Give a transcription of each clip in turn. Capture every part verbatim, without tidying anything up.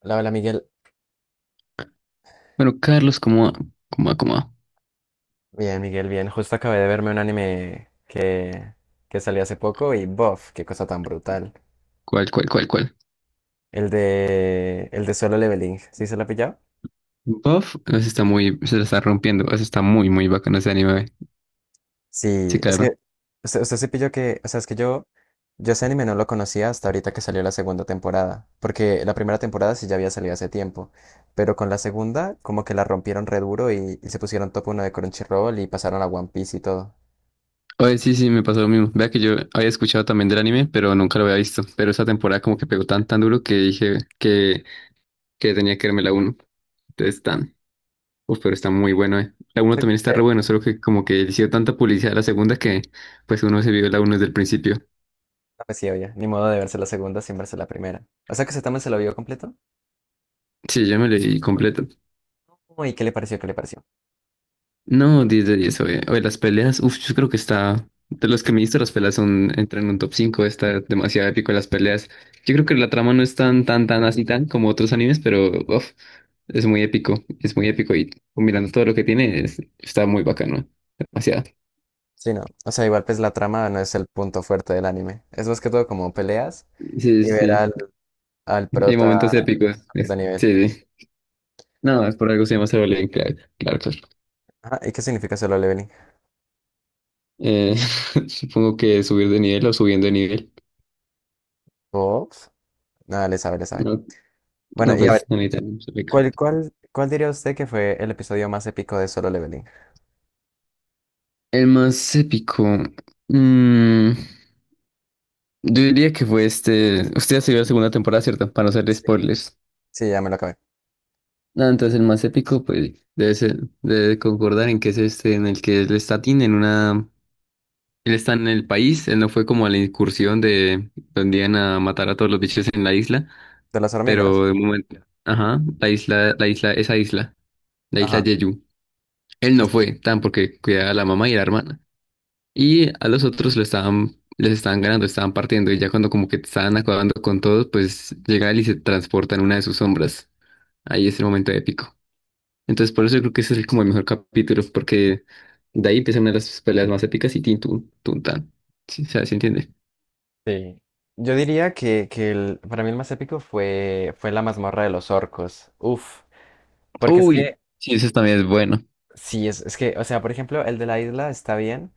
Hola, hola Miguel. Bueno, Carlos, como, como, como, Bien, Miguel, bien. Justo acabé de verme un anime que, que salió hace poco y bof, qué cosa tan brutal. ¿cuál, cuál, cuál, cuál? El de, el de Solo Leveling. ¿Sí se lo ha pillado? Buff, se está muy, se la está rompiendo, o sea, está muy, muy bacano ese anime. Sí, Sí, es claro. que usted, usted se pilló que, o sea, es que yo, yo ese anime no lo conocía hasta ahorita que salió la segunda temporada, porque la primera temporada sí ya había salido hace tiempo, pero con la segunda como que la rompieron re duro y, y se pusieron top uno de Crunchyroll y pasaron a One Piece y todo. Oye, sí, sí, me pasó lo mismo. Vea que yo había escuchado también del anime, pero nunca lo había visto. Pero esa temporada como que pegó tan, tan duro que dije que, que tenía que verme la uno. Entonces, tan, uf, pero está muy bueno, eh. La uno Sí, también sí. está re bueno, solo que como que le hicieron tanta publicidad a la segunda que pues uno se vio la uno desde el principio. No, pues sí, oye, ni modo de verse la segunda sin verse la primera. O sea que ese también se lo vio completo. Sí, yo me leí completo. Uy, ¿qué le pareció? ¿Qué le pareció? No, diez de diez, oye. Oye, las peleas, uf, yo creo que está. De los que me diste, las peleas son, entran en un top cinco. Está demasiado épico las peleas. Yo creo que la trama no es tan, tan, tan así, tan como otros animes, pero uff, es muy épico, es muy épico y, combinando todo lo que tiene, es- está muy bacano. Demasiado. Sí, no. O sea, igual pues la trama no es el punto fuerte del anime. Es más que todo como peleas Sí, sí, y ver sí. al, al Hay momentos prota épicos. subir de es- nivel. Sí, sí. No, es por algo se llama Solo Leveling, claro, claro, claro. Ajá, ¿y qué significa solo leveling? Eh, supongo que subir de nivel o subiendo de nivel. Ops. Nada, le sabe, le sabe. No, Bueno, no, y a pues, ver, no necesitan. ¿cuál, cuál, cuál diría usted que fue el episodio más épico de Solo Leveling? El más épico. mm, yo diría que fue este. Usted ya se vio la segunda temporada, ¿cierto? Para no hacer Sí, spoilers. sí, ya me lo acabé. Ah, entonces el más épico, pues, debe ser, debe concordar en que es este, en el que él está Tin en una. Él está en el país, él no fue como a la incursión de donde iban a matar a todos los bichos en la isla, ¿De las hormigas? pero de momento. Ajá, la isla, la isla, esa isla, la isla Ajá. Jeju. Él no fue, tan porque cuidaba a la mamá y a la hermana. Y a los otros lo estaban, les estaban ganando, estaban partiendo. Y ya cuando como que estaban acabando con todos, pues llega él y se transporta en una de sus sombras. Ahí es el momento épico. Entonces por eso yo creo que ese es el- como el mejor capítulo, porque de ahí empiezan una de las peleas más épicas y tin, tun, tun, tan. Sí, o sea, ¿sí entiende? Sí. Yo diría que, que el- para mí el más épico fue, fue la mazmorra de los orcos. Uf. Porque es Uy, que, sí, eso también es bueno. sí, es, es que, o sea, por ejemplo, el de la isla está bien,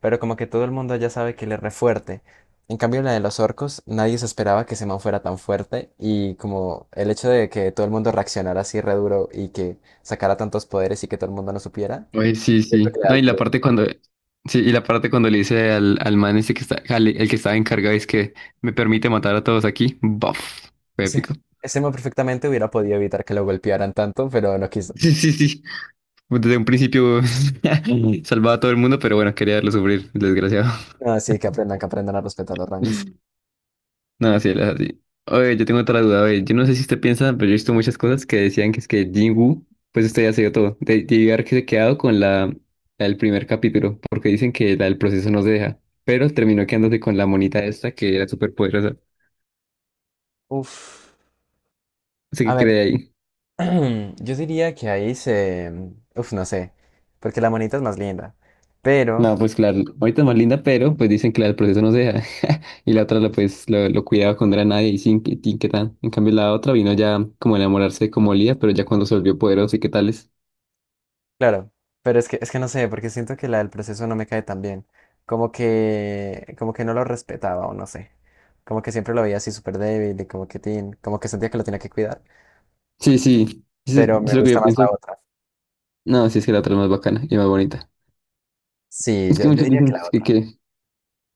pero como que todo el mundo ya sabe que él es re fuerte. En cambio, la de los orcos, nadie se esperaba que ese man fuera tan fuerte. Y como el hecho de que todo el mundo reaccionara así re duro y que sacara tantos poderes y que todo el mundo no supiera, Uy, sí, yo creo sí. que le da No, y el la plus. parte cuando... Sí, y la parte cuando le dice al, al man ese que está, al- el que estaba encargado, es que me permite matar a todos aquí. Buff. Fue Ese, épico. ese man perfectamente hubiera podido evitar que lo golpearan tanto, pero no quiso. Sí, sí, sí. Pues, desde un principio salvaba a todo el mundo, pero bueno, quería verlo sufrir, el desgraciado. Ah, sí, que aprendan, que aprendan a respetar los rangos. No, así es así. Oye, yo tengo otra duda, oye, yo no sé si usted piensa, pero yo he visto muchas cosas que decían que es que Jinwoo, pues usted ya se dio todo. De, de haber que se quedado con la, la del primer capítulo, porque dicen que la del proceso no se deja, pero terminó quedándose con la monita esta que era súper poderosa. Uf. Así A que ver, cree ahí. yo diría que ahí se... Uf, no sé, porque la monita es más linda. Pero, No, pues claro, ahorita es más linda, pero pues dicen que la del proceso no se deja. Y la otra lo, pues, lo, lo cuidaba cuando era nadie y sin que tin, qué tal. En cambio, la otra vino ya como a enamorarse de como Lía, pero ya cuando se volvió poderosa y qué tales. claro, pero es que, es que no sé, porque siento que la del proceso no me cae tan bien. Como que, como que no lo respetaba o no sé. Como que siempre lo veía así súper débil y como que, tin, como que sentía que lo tenía que cuidar. Sí, sí, eso, eso Pero es me lo que gusta yo más la pienso. otra. No, sí, es que la otra es más bacana y más bonita. Sí, Es yo, que yo muchos diría que dicen la que, otra. que,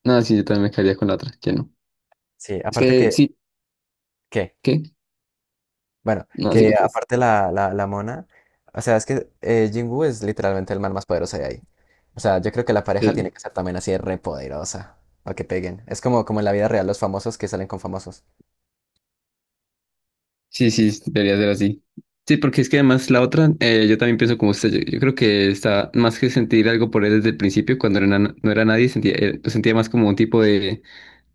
no, sí, yo también me caería con la otra, que no. Sí, Es aparte que que... sí, ¿Qué? ¿qué? Bueno, No, sí, que que ustedes. aparte la, la, la mona, o sea, es que eh, Jinwoo es literalmente el man más poderoso de ahí. O sea, yo creo que la pareja tiene que ser también así de re poderosa, o que peguen. Es como, como en la vida real los famosos que salen con famosos. Sí, sí, debería ser así. Sí, porque es que además la otra, eh, yo también pienso como usted. Yo, yo creo que está más que sentir algo por él desde el principio, cuando era na- no era nadie, sentía, eh, pues sentía más como un tipo de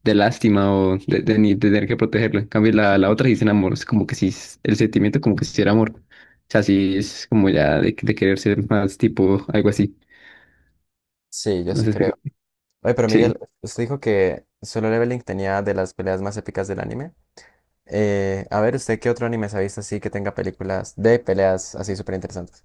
de lástima o de, de ni- de tener que protegerlo. En cambio, la, la otra dicen amor, es como que si el sentimiento como que si era amor. O sea, sí es como ya de, de querer ser más tipo algo así. Sí, yo No sí sé, si- creo. Oye, pero Miguel, sí. usted dijo que Solo Leveling tenía de las peleas más épicas del anime. Eh, a ver, ¿usted qué otro anime se ha visto así que tenga películas de peleas así súper interesantes?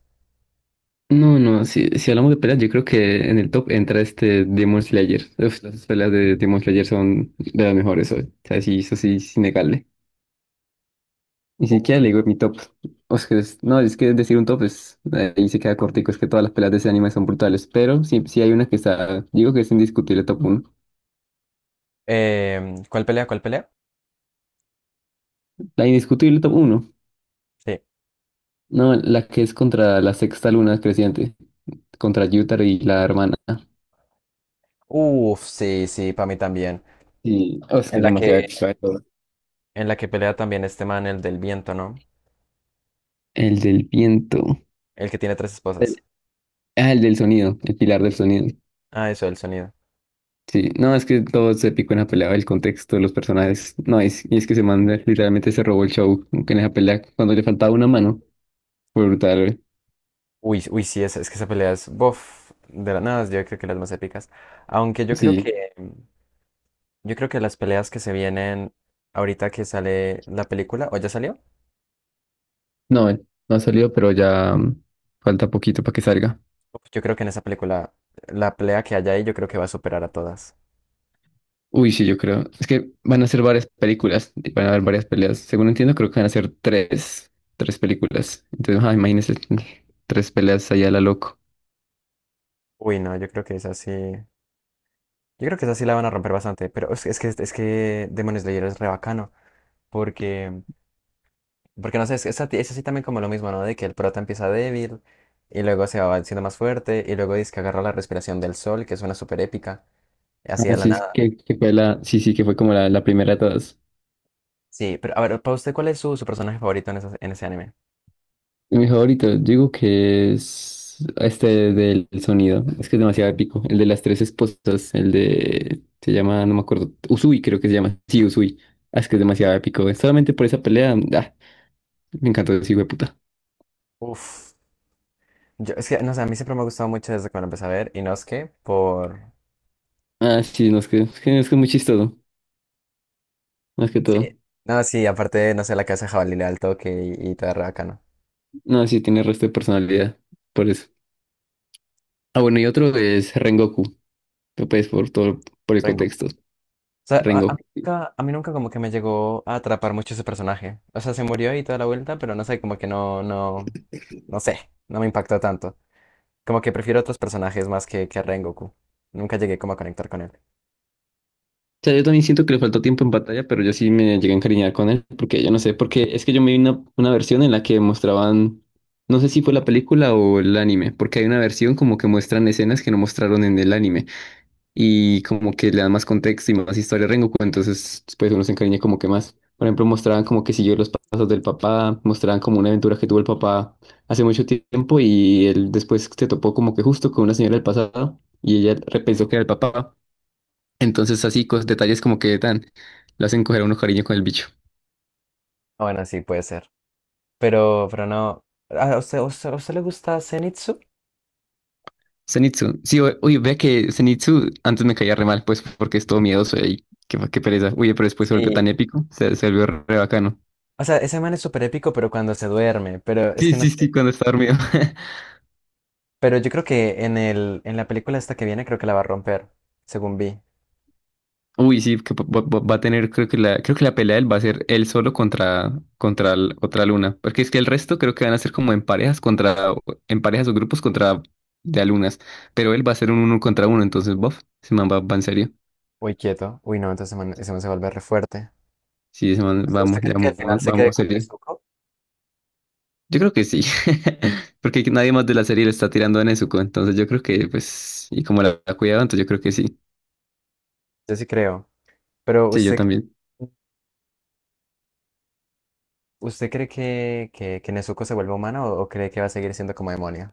No, no, si, si hablamos de peleas, yo creo que en el top entra este Demon Slayer. Uf, las peleas de Demon Slayer son de las mejores hoy. O sea, sí, eso sí es innegable. Ni siquiera Uf. le digo mi top. O sea, es- no, es que decir un top es, ahí se queda cortico, es que todas las peleas de ese anime son brutales, pero sí, sí hay una que está, digo que es indiscutible top uno. Em, ¿cuál pelea? ¿Cuál pelea? La indiscutible top uno. Sí. No, la que es contra la sexta luna creciente, contra Yutar y la hermana. Uf, sí, sí, para mí también. Sí, oh, es que En es la demasiado que épica de todo. En la que pelea también este man, el del viento, ¿no? El del viento. El que tiene tres esposas. El- ah, el del sonido, el pilar del sonido. Ah, eso, el sonido. Sí, no, es que todo se picó en la pelea, el contexto, los personajes. No, es, y es que se manda, literalmente se robó el show como en esa pelea cuando le faltaba una mano. Fue brutal. Uy, uy, sí, es, es que esa pelea es, bof, de las nada, yo creo que las más épicas. Aunque yo creo Sí, que, yo creo que las peleas que se vienen ahorita que sale la película, o ya salió, no, no ha salido, pero ya mm, falta poquito para que salga. uf, yo creo que en esa película, la pelea que haya ahí, yo creo que va a superar a todas. Uy, sí, yo creo. Es que van a ser varias películas, y van a haber varias peleas. Según entiendo, creo que van a ser tres, tres películas. Entonces, ah, imagínense, tres peleas allá a la loco. Uy, no, yo creo que es así, yo creo que esa sí la van a romper bastante, pero es, es que, es que Demon Slayer es re bacano, porque Porque no sé, es, es, a- es así también como lo mismo, ¿no? De que el prota empieza débil y luego se va haciendo más fuerte y luego dice que agarra la respiración del sol, que suena súper épica, así Ah, de la sí, es nada. que, que fue la, sí, sí, que fue como la, la primera de todas. Sí, pero a ver, para usted, ¿cuál es su, su personaje favorito en, esa- en ese anime? Y mi favorito, yo digo que es este del sonido. Es que es demasiado épico. El de las tres esposas, el de, se llama, no me acuerdo, Usui creo que se llama. Sí, Usui. Ah, es que es demasiado épico. Solamente por esa pelea, ah, me encantó ese hijo de puta. Uf. Yo, es que, no sé, a mí siempre me ha gustado mucho desde que me lo empecé a ver y no es que por... Ah, sí, no, es que, es que es que es muy chistoso, más que Sí. todo. No, sí, aparte, no sé, la casa de jabalí le da el toque y, y todo re bacano. No, sí tiene resto de personalidad, por eso. Ah, bueno, y otro es Rengoku, que pues por todo, por el contexto, O sea, a, a mí Rengoku. nunca, a mí nunca como que me llegó a atrapar mucho ese personaje. O sea, se murió y toda la vuelta, pero no sé, como que no, no, no sé, no me impactó tanto. Como que prefiero otros personajes más que, que a Rengoku. Nunca llegué como a conectar con él. O sea, yo también siento que le faltó tiempo en batalla, pero yo sí me llegué a encariñar con él, porque yo no sé, porque es que yo me vi una, una versión en la que mostraban, no sé si fue la película o el anime, porque hay una versión como que muestran escenas que no mostraron en el anime, y como que le dan más contexto y más historia a Rengoku, entonces pues uno se encariña como que más. Por ejemplo, mostraban como que siguió los pasos del papá, mostraban como una aventura que tuvo el papá hace mucho tiempo y él después se topó como que justo con una señora del pasado y ella repensó que era el papá. Entonces así, cos- detalles como que tan, lo hacen coger a uno cariño con el bicho. Ah, bueno, sí, puede ser. Pero, pero no. ¿A usted, a usted, a usted le gusta Zenitsu? Zenitsu, sí, o- uy, vea que Zenitsu antes me caía re mal, pues porque es todo miedoso y qué, qué pereza. Uy, pero después se volvió Sí. tan épico, se, se volvió re bacano. O sea, ese man es súper épico, pero cuando se duerme, pero es Sí, que no sí, sí, sé. cuando está dormido. Pero yo creo que en el, en la película esta que viene, creo que la va a romper, según vi. Uy, sí, que va, va- va a tener, creo que la, creo que la pelea de él va a ser él solo contra, contra el- otra luna. Porque es que el resto creo que van a ser como en parejas contra, en parejas o grupos contra de alunas. Pero él va a ser un uno contra uno, entonces, bof, ese man va, va en serio. Uy, quieto. Uy, no, entonces ese man, ese man se vuelve re fuerte. Sí, ese man, ¿Usted vamos, usted ya cree que al final vamos, se quede vamos con serio. Nezuko? Yo creo que sí. Porque nadie más de la serie le está tirando a Nezuko, entonces yo creo que, pues, y como la, la cuidado, entonces yo creo que sí. Yo sí creo. Pero Sí, yo usted, también. ¿usted cree que, que, que Nezuko se vuelve humana o, o cree que va a seguir siendo como demonio?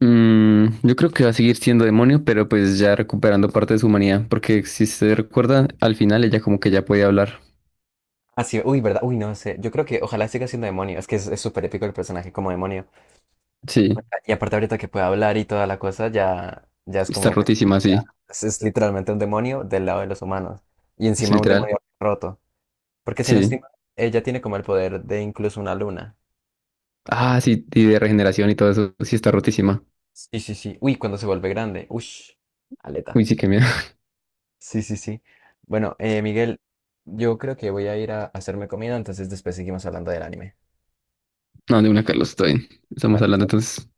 Mm, yo creo que va a seguir siendo demonio, pero pues ya recuperando parte de su humanidad, porque si se recuerda, al final ella como que ya puede hablar. Ah, sí, uy, ¿verdad? Uy, no sé. Yo creo que ojalá siga siendo demonio. Es que es es súper épico el personaje como demonio. Sí, Y aparte ahorita que puede hablar y toda la cosa, ya, ya es está como, pues, sí, rotísima, ya. sí, Es, es literalmente un demonio del lado de los humanos. Y es encima un literal. demonio roto. Porque si no Sí. estoy mal, ella tiene como el poder de incluso una luna. Ah, sí, y de regeneración y todo eso, sí está rotísima. Sí, sí, sí. Uy, cuando se vuelve grande. Ush, aleta. Uy, sí, que miedo. Sí, sí, sí. Bueno, eh, Miguel, yo creo que voy a ir a hacerme comida, entonces después seguimos hablando del anime. No, de una, Carlos, estoy. Estamos Bueno, hablando chao, chao, entonces. chao.